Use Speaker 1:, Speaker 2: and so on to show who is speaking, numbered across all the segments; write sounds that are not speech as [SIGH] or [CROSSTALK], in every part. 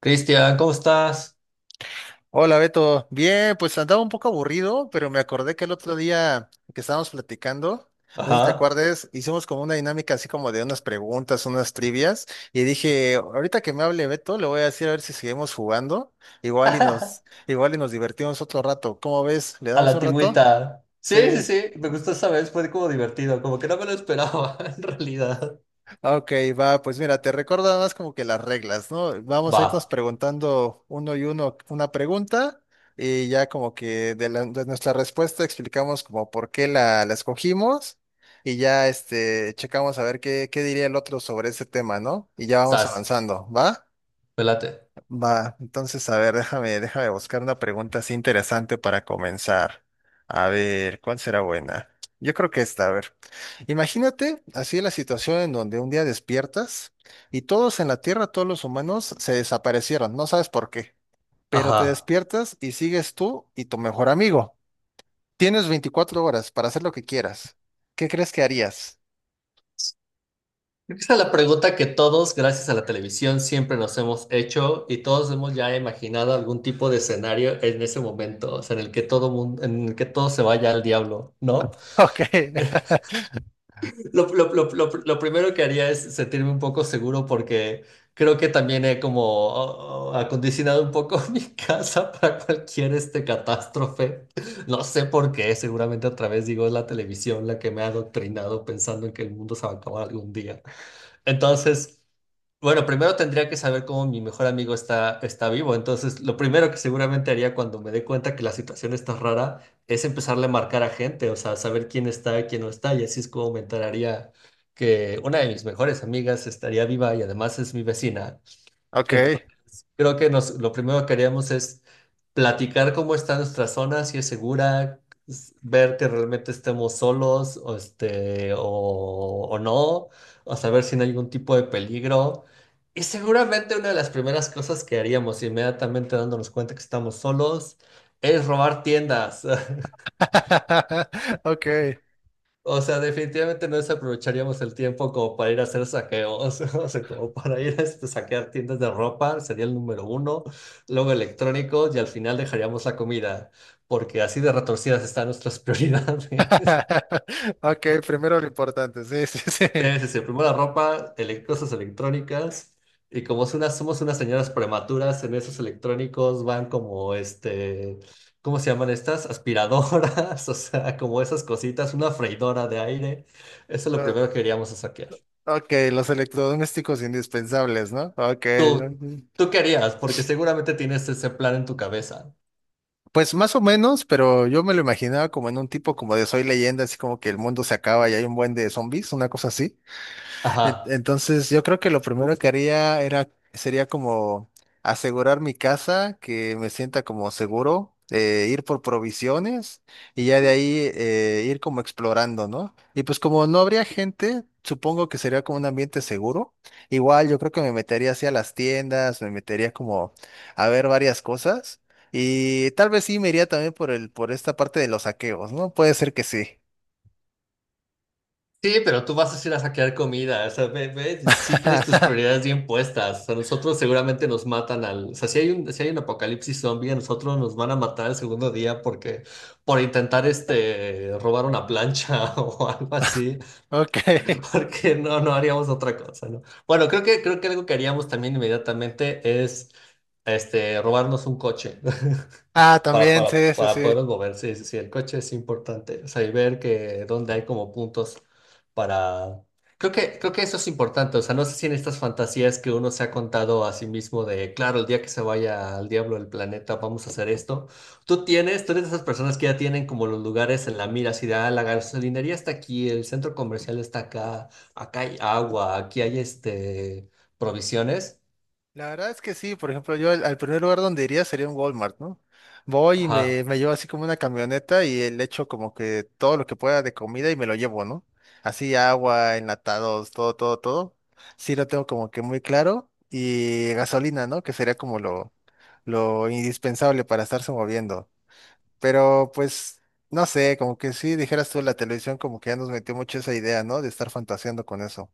Speaker 1: Cristian, ¿cómo estás?
Speaker 2: Hola Beto, bien, pues andaba un poco aburrido, pero me acordé que el otro día que estábamos platicando, no sé si te
Speaker 1: Ajá.
Speaker 2: acuerdes, hicimos como una dinámica así como de unas preguntas, unas trivias, y dije, ahorita que me hable Beto, le voy a decir a ver si seguimos jugando,
Speaker 1: [LAUGHS]
Speaker 2: igual y
Speaker 1: A
Speaker 2: nos, igual y nos divertimos otro rato. ¿Cómo ves? ¿Le
Speaker 1: la
Speaker 2: damos un rato?
Speaker 1: antigüita. Sí,
Speaker 2: Sí.
Speaker 1: sí, sí. Me gustó esa vez. Fue como divertido. Como que no me lo esperaba, [LAUGHS] en realidad.
Speaker 2: Ok, va, pues mira, te recuerdo nada más como que las reglas, ¿no? Vamos a irnos
Speaker 1: Va.
Speaker 2: preguntando uno y uno una pregunta y ya como que de, de nuestra respuesta explicamos como por qué la escogimos y ya este, checamos a ver qué, qué diría el otro sobre ese tema, ¿no? Y ya vamos
Speaker 1: Sas.
Speaker 2: avanzando, ¿va?
Speaker 1: Pelate.
Speaker 2: Va, entonces, a ver, déjame buscar una pregunta así interesante para comenzar. A ver, ¿cuál será buena? Yo creo que esta, a ver. Imagínate así la situación en donde un día despiertas y todos en la Tierra, todos los humanos, se desaparecieron, no sabes por qué, pero te
Speaker 1: Ajá.
Speaker 2: despiertas y sigues tú y tu mejor amigo. Tienes 24 horas para hacer lo que quieras. ¿Qué crees que harías? [LAUGHS]
Speaker 1: Creo que esa es la pregunta que todos, gracias a la televisión, siempre nos hemos hecho y todos hemos ya imaginado algún tipo de escenario en ese momento, o sea, en el que todo mundo, en el que todo se vaya al diablo, ¿no?
Speaker 2: Ok.
Speaker 1: Lo primero que haría es sentirme un poco seguro porque creo que también he como oh, oh, acondicionado un poco [LAUGHS] mi casa para cualquier este catástrofe. No sé por qué, seguramente otra vez digo, es la televisión la que me ha adoctrinado pensando en que el mundo se va a acabar algún día. Entonces... Bueno, primero tendría que saber cómo mi mejor amigo está vivo. Entonces, lo primero que seguramente haría cuando me dé cuenta que la situación está rara es empezarle a marcar a gente, o sea, saber quién está, quién no está. Y así es como me enteraría que una de mis mejores amigas estaría viva y además es mi vecina.
Speaker 2: [LAUGHS] Ok.
Speaker 1: Creo que nos, lo primero que haríamos es platicar cómo está nuestra zona, si es segura, s- ver que realmente estemos solos o, este, o no, o saber si no hay algún tipo de peligro. Y seguramente una de las primeras cosas que haríamos inmediatamente dándonos cuenta que estamos solos es robar tiendas. [LAUGHS]
Speaker 2: [LAUGHS] Ok.
Speaker 1: O sea, definitivamente no desaprovecharíamos el tiempo como para ir a hacer saqueos, [LAUGHS] o sea, como para ir a este, saquear tiendas de ropa, sería el número uno, luego electrónicos y al final dejaríamos la comida, porque así de retorcidas están nuestras [LAUGHS] prioridades.
Speaker 2: [LAUGHS] Ok, primero lo importante, sí, sí, [LAUGHS] sí.
Speaker 1: Debe ser primero la ropa, ele- cosas electrónicas, y como es una- somos unas señoras prematuras, en esos electrónicos van como este, ¿cómo se llaman estas? Aspiradoras, [LAUGHS] o sea, como esas cositas, una freidora de aire, eso es lo
Speaker 2: Lo-
Speaker 1: primero que queríamos saquear.
Speaker 2: ok, los electrodomésticos indispensables, ¿no? Ok.
Speaker 1: Tú, tú qué harías, porque seguramente tienes ese plan en tu cabeza.
Speaker 2: Pues más o menos, pero yo me lo imaginaba como en un tipo como de Soy Leyenda, así como que el mundo se acaba y hay un buen de zombies, una cosa así.
Speaker 1: Ajá.
Speaker 2: Entonces, yo creo que lo primero que haría sería como asegurar mi casa, que me sienta como seguro, ir por provisiones y ya de ahí, ir como explorando, ¿no? Y pues como no habría gente, supongo que sería como un ambiente seguro. Igual yo creo que me metería así a las tiendas, me metería como a ver varias cosas y tal vez sí me iría también por por esta parte de los saqueos, ¿no? Puede ser que sí.
Speaker 1: Sí, pero tú vas a ir a saquear comida. O sea, ve, ve, sí tienes tus
Speaker 2: [LAUGHS]
Speaker 1: prioridades bien puestas. A nosotros seguramente nos matan al. O sea, si hay un, si hay un apocalipsis zombie, a nosotros nos van a matar el segundo día porque por intentar este robar una plancha [LAUGHS] o algo así.
Speaker 2: Ok.
Speaker 1: Porque no, no haríamos otra cosa, ¿no? Bueno, creo que algo que haríamos también inmediatamente es este robarnos un coche.
Speaker 2: Ah,
Speaker 1: [LAUGHS] Para,
Speaker 2: también,
Speaker 1: para,
Speaker 2: sí, sí,
Speaker 1: para
Speaker 2: sí.
Speaker 1: podernos mover, sí, sí, sí, el coche es importante. O sea, y ver que dónde hay como puntos para... Creo que eso es importante. O sea, no sé si en estas fantasías que uno se ha contado a sí mismo de, claro, el día que se vaya al diablo el planeta, vamos a hacer esto. Tú tienes, tú eres de esas personas que ya tienen como los lugares en la mira, así de, ah, la gasolinería está aquí, el centro comercial está acá, acá hay agua, aquí hay este, provisiones.
Speaker 2: La verdad es que sí, por ejemplo, yo al primer lugar donde iría sería un Walmart, ¿no? Voy y
Speaker 1: Ajá.
Speaker 2: me llevo así como una camioneta y le echo como que todo lo que pueda de comida y me lo llevo, ¿no? Así agua, enlatados, todo, todo, todo. Sí lo tengo como que muy claro. Y gasolina, ¿no? Que sería como lo indispensable para estarse moviendo. Pero pues, no sé, como que sí, dijeras tú, la televisión como que ya nos metió mucho esa idea, ¿no? De estar fantaseando con eso.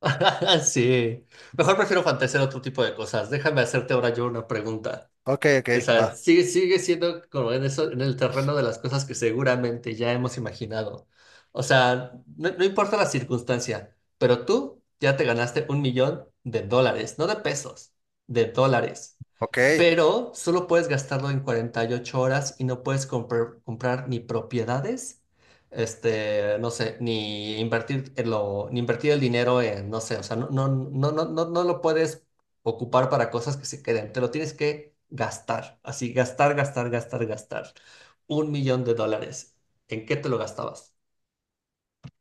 Speaker 1: [LAUGHS] Sí, mejor prefiero fantasear otro tipo de cosas. Déjame hacerte ahora yo una pregunta.
Speaker 2: Ok,
Speaker 1: O
Speaker 2: ok,
Speaker 1: sea,
Speaker 2: va.
Speaker 1: sigue siendo como en eso, en el terreno de las cosas que seguramente ya hemos imaginado. O sea, no, no importa la circunstancia, pero tú ya te ganaste un millón de dólares, no de pesos, de dólares,
Speaker 2: Ok.
Speaker 1: pero solo puedes gastarlo en 48 horas y no puedes comprar ni propiedades, este, no sé, ni invertir el dinero en, no sé, o sea, no, no, no, no, no, no lo puedes ocupar para cosas que se queden, te lo tienes que gastar, así, gastar, gastar, gastar, gastar. Un millón de dólares. ¿En qué te lo gastabas?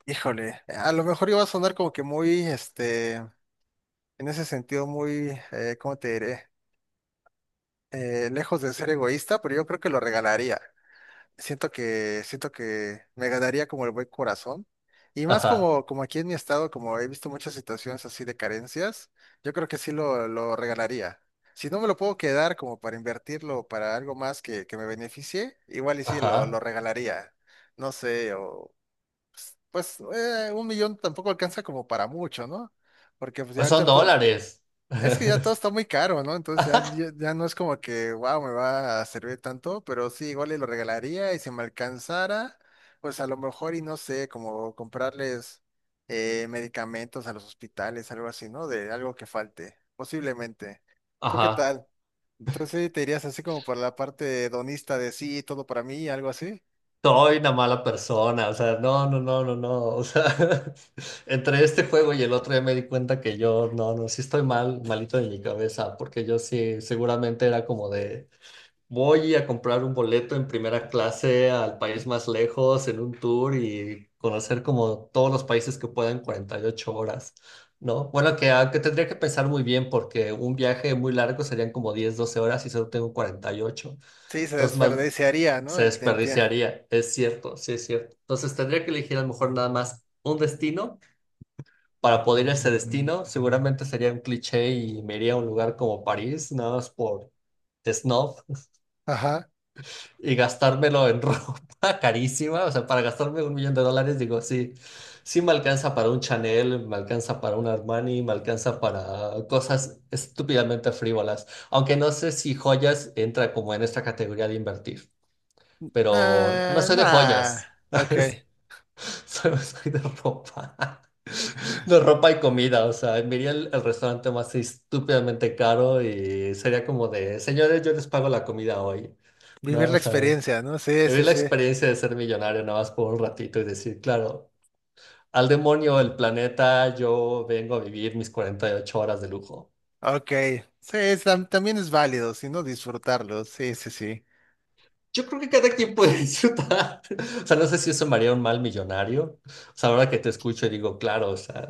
Speaker 2: Híjole, a lo mejor iba a sonar como que muy, este, en ese sentido, muy, ¿cómo te diré? Lejos de ser egoísta, pero yo creo que lo regalaría. Siento que me ganaría como el buen corazón. Y más
Speaker 1: Ajá,
Speaker 2: como, como aquí en mi estado, como he visto muchas situaciones así de carencias, yo creo que sí lo regalaría. Si no me lo puedo quedar como para invertirlo para algo más que me beneficie, igual y sí lo
Speaker 1: ajá.
Speaker 2: regalaría. No sé, o pues, un millón tampoco alcanza como para mucho, ¿no? Porque pues ya
Speaker 1: Pues son
Speaker 2: ahorita todo,
Speaker 1: dólares. [LAUGHS]
Speaker 2: es que ya todo está muy caro, ¿no? Entonces ya no es como que, wow, me va a servir tanto, pero sí, igual y lo regalaría y si me alcanzara, pues a lo mejor y no sé, como comprarles, medicamentos a los hospitales, algo así, ¿no? De algo que falte, posiblemente. ¿Tú qué
Speaker 1: Ajá.
Speaker 2: tal? Entonces sí, te irías así como por la parte donista de sí, todo para mí, algo así.
Speaker 1: Soy una mala persona, o sea, no, no, no, no, no, o sea, [LAUGHS] entre este juego y el otro ya me di cuenta que yo, no, no, sí estoy mal, malito de mi cabeza, porque yo sí, seguramente era como de, voy a comprar un boleto en primera clase al país más lejos en un tour y conocer como todos los países que pueda en 48 horas, ¿no? Bueno, que, ah, que tendría que pensar muy bien porque un viaje muy largo serían como 10, 12 horas y solo tengo 48,
Speaker 2: Sí, se
Speaker 1: entonces más
Speaker 2: desperdiciaría, ¿no?
Speaker 1: se
Speaker 2: El día.
Speaker 1: desperdiciaría, es cierto, sí es cierto. Entonces tendría que elegir a lo mejor nada más un destino. Para poder ir a ese destino, seguramente sería un cliché y me iría a un lugar como París, nada más por snob, y gastármelo en [LAUGHS] ropa carísima, o sea, para gastarme un millón de dólares, digo, sí, sí me alcanza para un Chanel, me alcanza para un Armani, me alcanza para cosas estúpidamente frívolas, aunque no sé si joyas entra como en esta categoría de invertir, pero no
Speaker 2: Ah,
Speaker 1: soy de
Speaker 2: nah.
Speaker 1: joyas,
Speaker 2: Ok.
Speaker 1: ¿sabes? [LAUGHS] Solo soy de ropa, [LAUGHS] de ropa y comida, o sea, me iría al restaurante más estúpidamente caro y sería como de, señores, yo les pago la comida hoy, ¿no?
Speaker 2: Vivir
Speaker 1: O
Speaker 2: la
Speaker 1: sea,
Speaker 2: experiencia, ¿no? Sí,
Speaker 1: vivir
Speaker 2: sí,
Speaker 1: la
Speaker 2: sí.
Speaker 1: experiencia de ser millonario nada más por un ratito y decir, claro, al demonio el planeta, yo vengo a vivir mis 48 horas de lujo.
Speaker 2: Ok. Sí, también es válido, si no disfrutarlo. Sí, sí, sí.
Speaker 1: Yo creo que cada quien puede disfrutar. [LAUGHS] O sea, no sé si eso me haría un mal millonario. O sea, ahora que te escucho y digo, claro, o sea,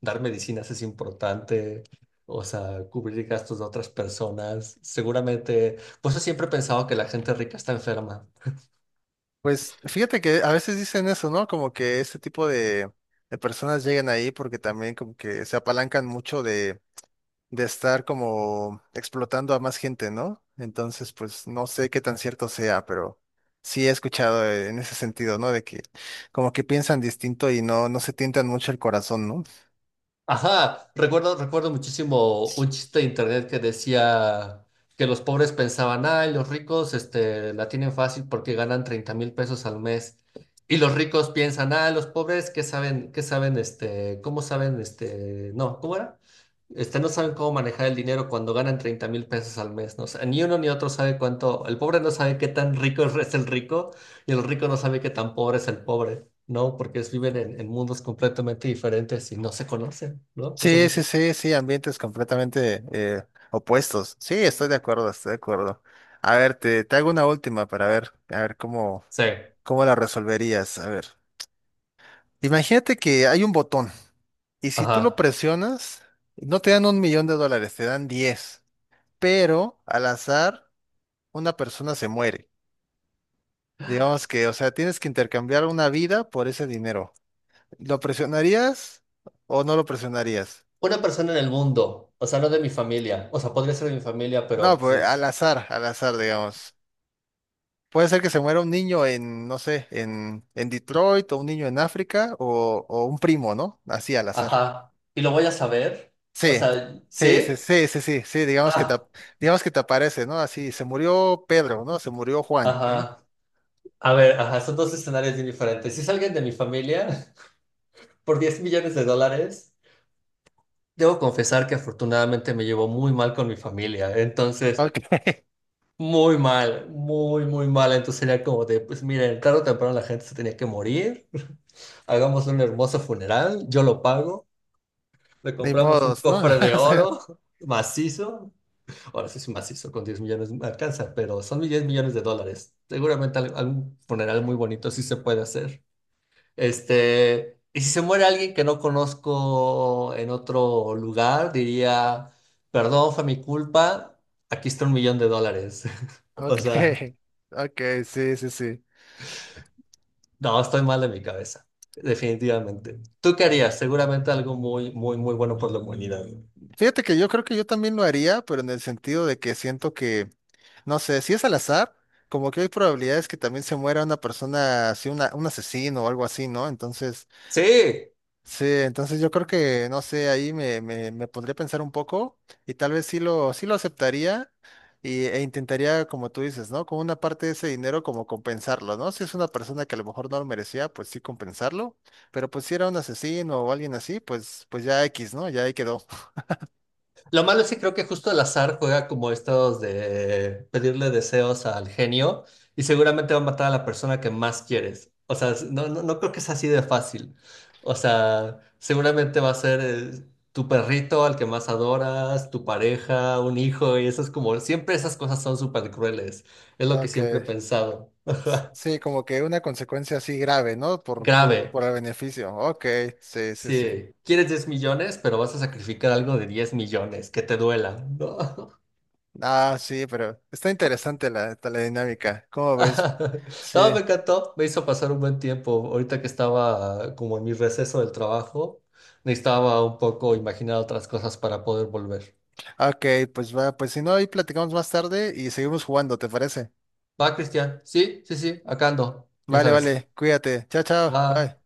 Speaker 1: dar medicinas es importante. O sea, cubrir gastos de otras personas. Seguramente, pues yo siempre he pensado que la gente rica está enferma.
Speaker 2: Pues fíjate que a veces dicen eso, ¿no? Como que este tipo de personas llegan ahí porque también como que se apalancan mucho de estar como explotando a más gente, ¿no? Entonces, pues no sé qué tan cierto sea, pero sí he escuchado, en ese sentido, ¿no? De que como que piensan distinto y no, no se tientan mucho el corazón, ¿no?
Speaker 1: Ajá, recuerdo muchísimo un chiste de internet que decía que los pobres pensaban, ay, los ricos este, la tienen fácil porque ganan 30,000 pesos al mes. Y los ricos piensan, ah, los pobres, ¿qué saben? ¿Qué saben? Este, ¿cómo saben? Este, no, ¿cómo era? Este, no saben cómo manejar el dinero cuando ganan 30,000 pesos al mes, ¿no? O sea, ni uno ni otro sabe cuánto, el pobre no sabe qué tan rico [LAUGHS] es el rico y el rico no sabe qué tan pobre es el pobre. No, porque es- viven en mundos completamente diferentes y no se conocen, ¿no? O sea,
Speaker 2: Sí,
Speaker 1: no se...
Speaker 2: sí, sí, sí, ambientes completamente, opuestos. Sí, estoy de acuerdo, estoy de acuerdo. A ver, te hago una última para ver, a ver cómo,
Speaker 1: Sí,
Speaker 2: cómo la resolverías. A ver, imagínate que hay un botón y si tú lo
Speaker 1: ajá.
Speaker 2: presionas, no te dan un millón de dólares, te dan 10, pero al azar una persona se muere. Digamos que, o sea, tienes que intercambiar una vida por ese dinero. ¿Lo presionarías o no lo presionarías?
Speaker 1: Una persona en el mundo, o sea, no de mi familia, o sea, podría ser de mi familia,
Speaker 2: No,
Speaker 1: pero pues
Speaker 2: pues
Speaker 1: es...
Speaker 2: al azar, digamos. Puede ser que se muera un niño en, no sé, en Detroit o un niño en África o un primo, ¿no? Así al azar.
Speaker 1: Ajá. ¿Y lo voy a saber? O
Speaker 2: Sí,
Speaker 1: sea,
Speaker 2: sí, sí,
Speaker 1: ¿sí?
Speaker 2: sí, sí, sí, sí,
Speaker 1: Ah,
Speaker 2: digamos que te aparece, ¿no? Así, se murió Pedro, ¿no? Se murió Juan, ¿no?
Speaker 1: ajá. A ver, ajá, son dos escenarios bien diferentes. Si es alguien de mi familia, [LAUGHS] por 10 millones de dólares, debo confesar que afortunadamente me llevo muy mal con mi familia. Entonces...
Speaker 2: Ok. [LAUGHS]
Speaker 1: Muy mal, muy, muy mal. Entonces era como de, pues miren, tarde o temprano la gente se tenía que morir. Hagamos un hermoso funeral, yo lo pago. Le
Speaker 2: Ni
Speaker 1: compramos un
Speaker 2: modos, ¿no?
Speaker 1: cofre
Speaker 2: [LAUGHS]
Speaker 1: de
Speaker 2: O sea,
Speaker 1: oro [LAUGHS] macizo. Ahora sí es macizo, con 10 millones me alcanza, pero son 10 millones de dólares. Seguramente al- algún funeral muy bonito sí se puede hacer. Este, y si se muere alguien que no conozco en otro lugar, diría, perdón, fue mi culpa, aquí está un millón de dólares. [LAUGHS] O
Speaker 2: ok,
Speaker 1: sea...
Speaker 2: ok, sí, sí, sí.
Speaker 1: No, estoy mal de mi cabeza, definitivamente. ¿Tú qué harías? Seguramente algo muy, muy, muy bueno por la humanidad, ¿no?
Speaker 2: Fíjate que yo creo que yo también lo haría, pero en el sentido de que siento que, no sé, si es al azar, como que hay probabilidades que también se muera una persona, así, una, un asesino o algo así, ¿no? Entonces...
Speaker 1: Sí,
Speaker 2: Sí, entonces yo creo que, no sé, ahí me pondría a pensar un poco y tal vez sí sí lo aceptaría e intentaría, como tú dices, ¿no? Con una parte de ese dinero como compensarlo, ¿no? Si es una persona que a lo mejor no lo merecía, pues sí compensarlo, pero pues si era un asesino o alguien así, pues, pues ya X, ¿no? Ya ahí quedó.
Speaker 1: lo malo es que creo que justo el azar juega como estos de pedirle deseos al genio y seguramente va a matar a la persona que más quieres. O sea, no, no, no creo que es así de fácil. O sea, seguramente va a ser tu perrito al que más adoras, tu pareja, un hijo y eso es como, siempre esas cosas son súper crueles. Es lo que
Speaker 2: Ok.
Speaker 1: siempre he pensado. [LAUGHS]
Speaker 2: Sí, como que una consecuencia así grave, ¿no?
Speaker 1: Grave.
Speaker 2: Por el beneficio. Ok, sí, sí, sí.
Speaker 1: Sí, quieres 10 millones, pero vas a sacrificar algo de 10 millones, que te duela. No,
Speaker 2: Ah, sí, pero está interesante la dinámica. ¿Cómo ves?
Speaker 1: [LAUGHS] no, me
Speaker 2: Sí.
Speaker 1: encantó, me hizo pasar un buen tiempo. Ahorita que estaba como en mi receso del trabajo, necesitaba un poco imaginar otras cosas para poder volver.
Speaker 2: Ok, pues va, pues si no, ahí platicamos más tarde y seguimos jugando, ¿te parece?
Speaker 1: Va, Cristian, sí, sí, sí, acá ando, ya
Speaker 2: Vale,
Speaker 1: sabes.
Speaker 2: vale, cuídate. Chao, chao.
Speaker 1: Va.
Speaker 2: Bye.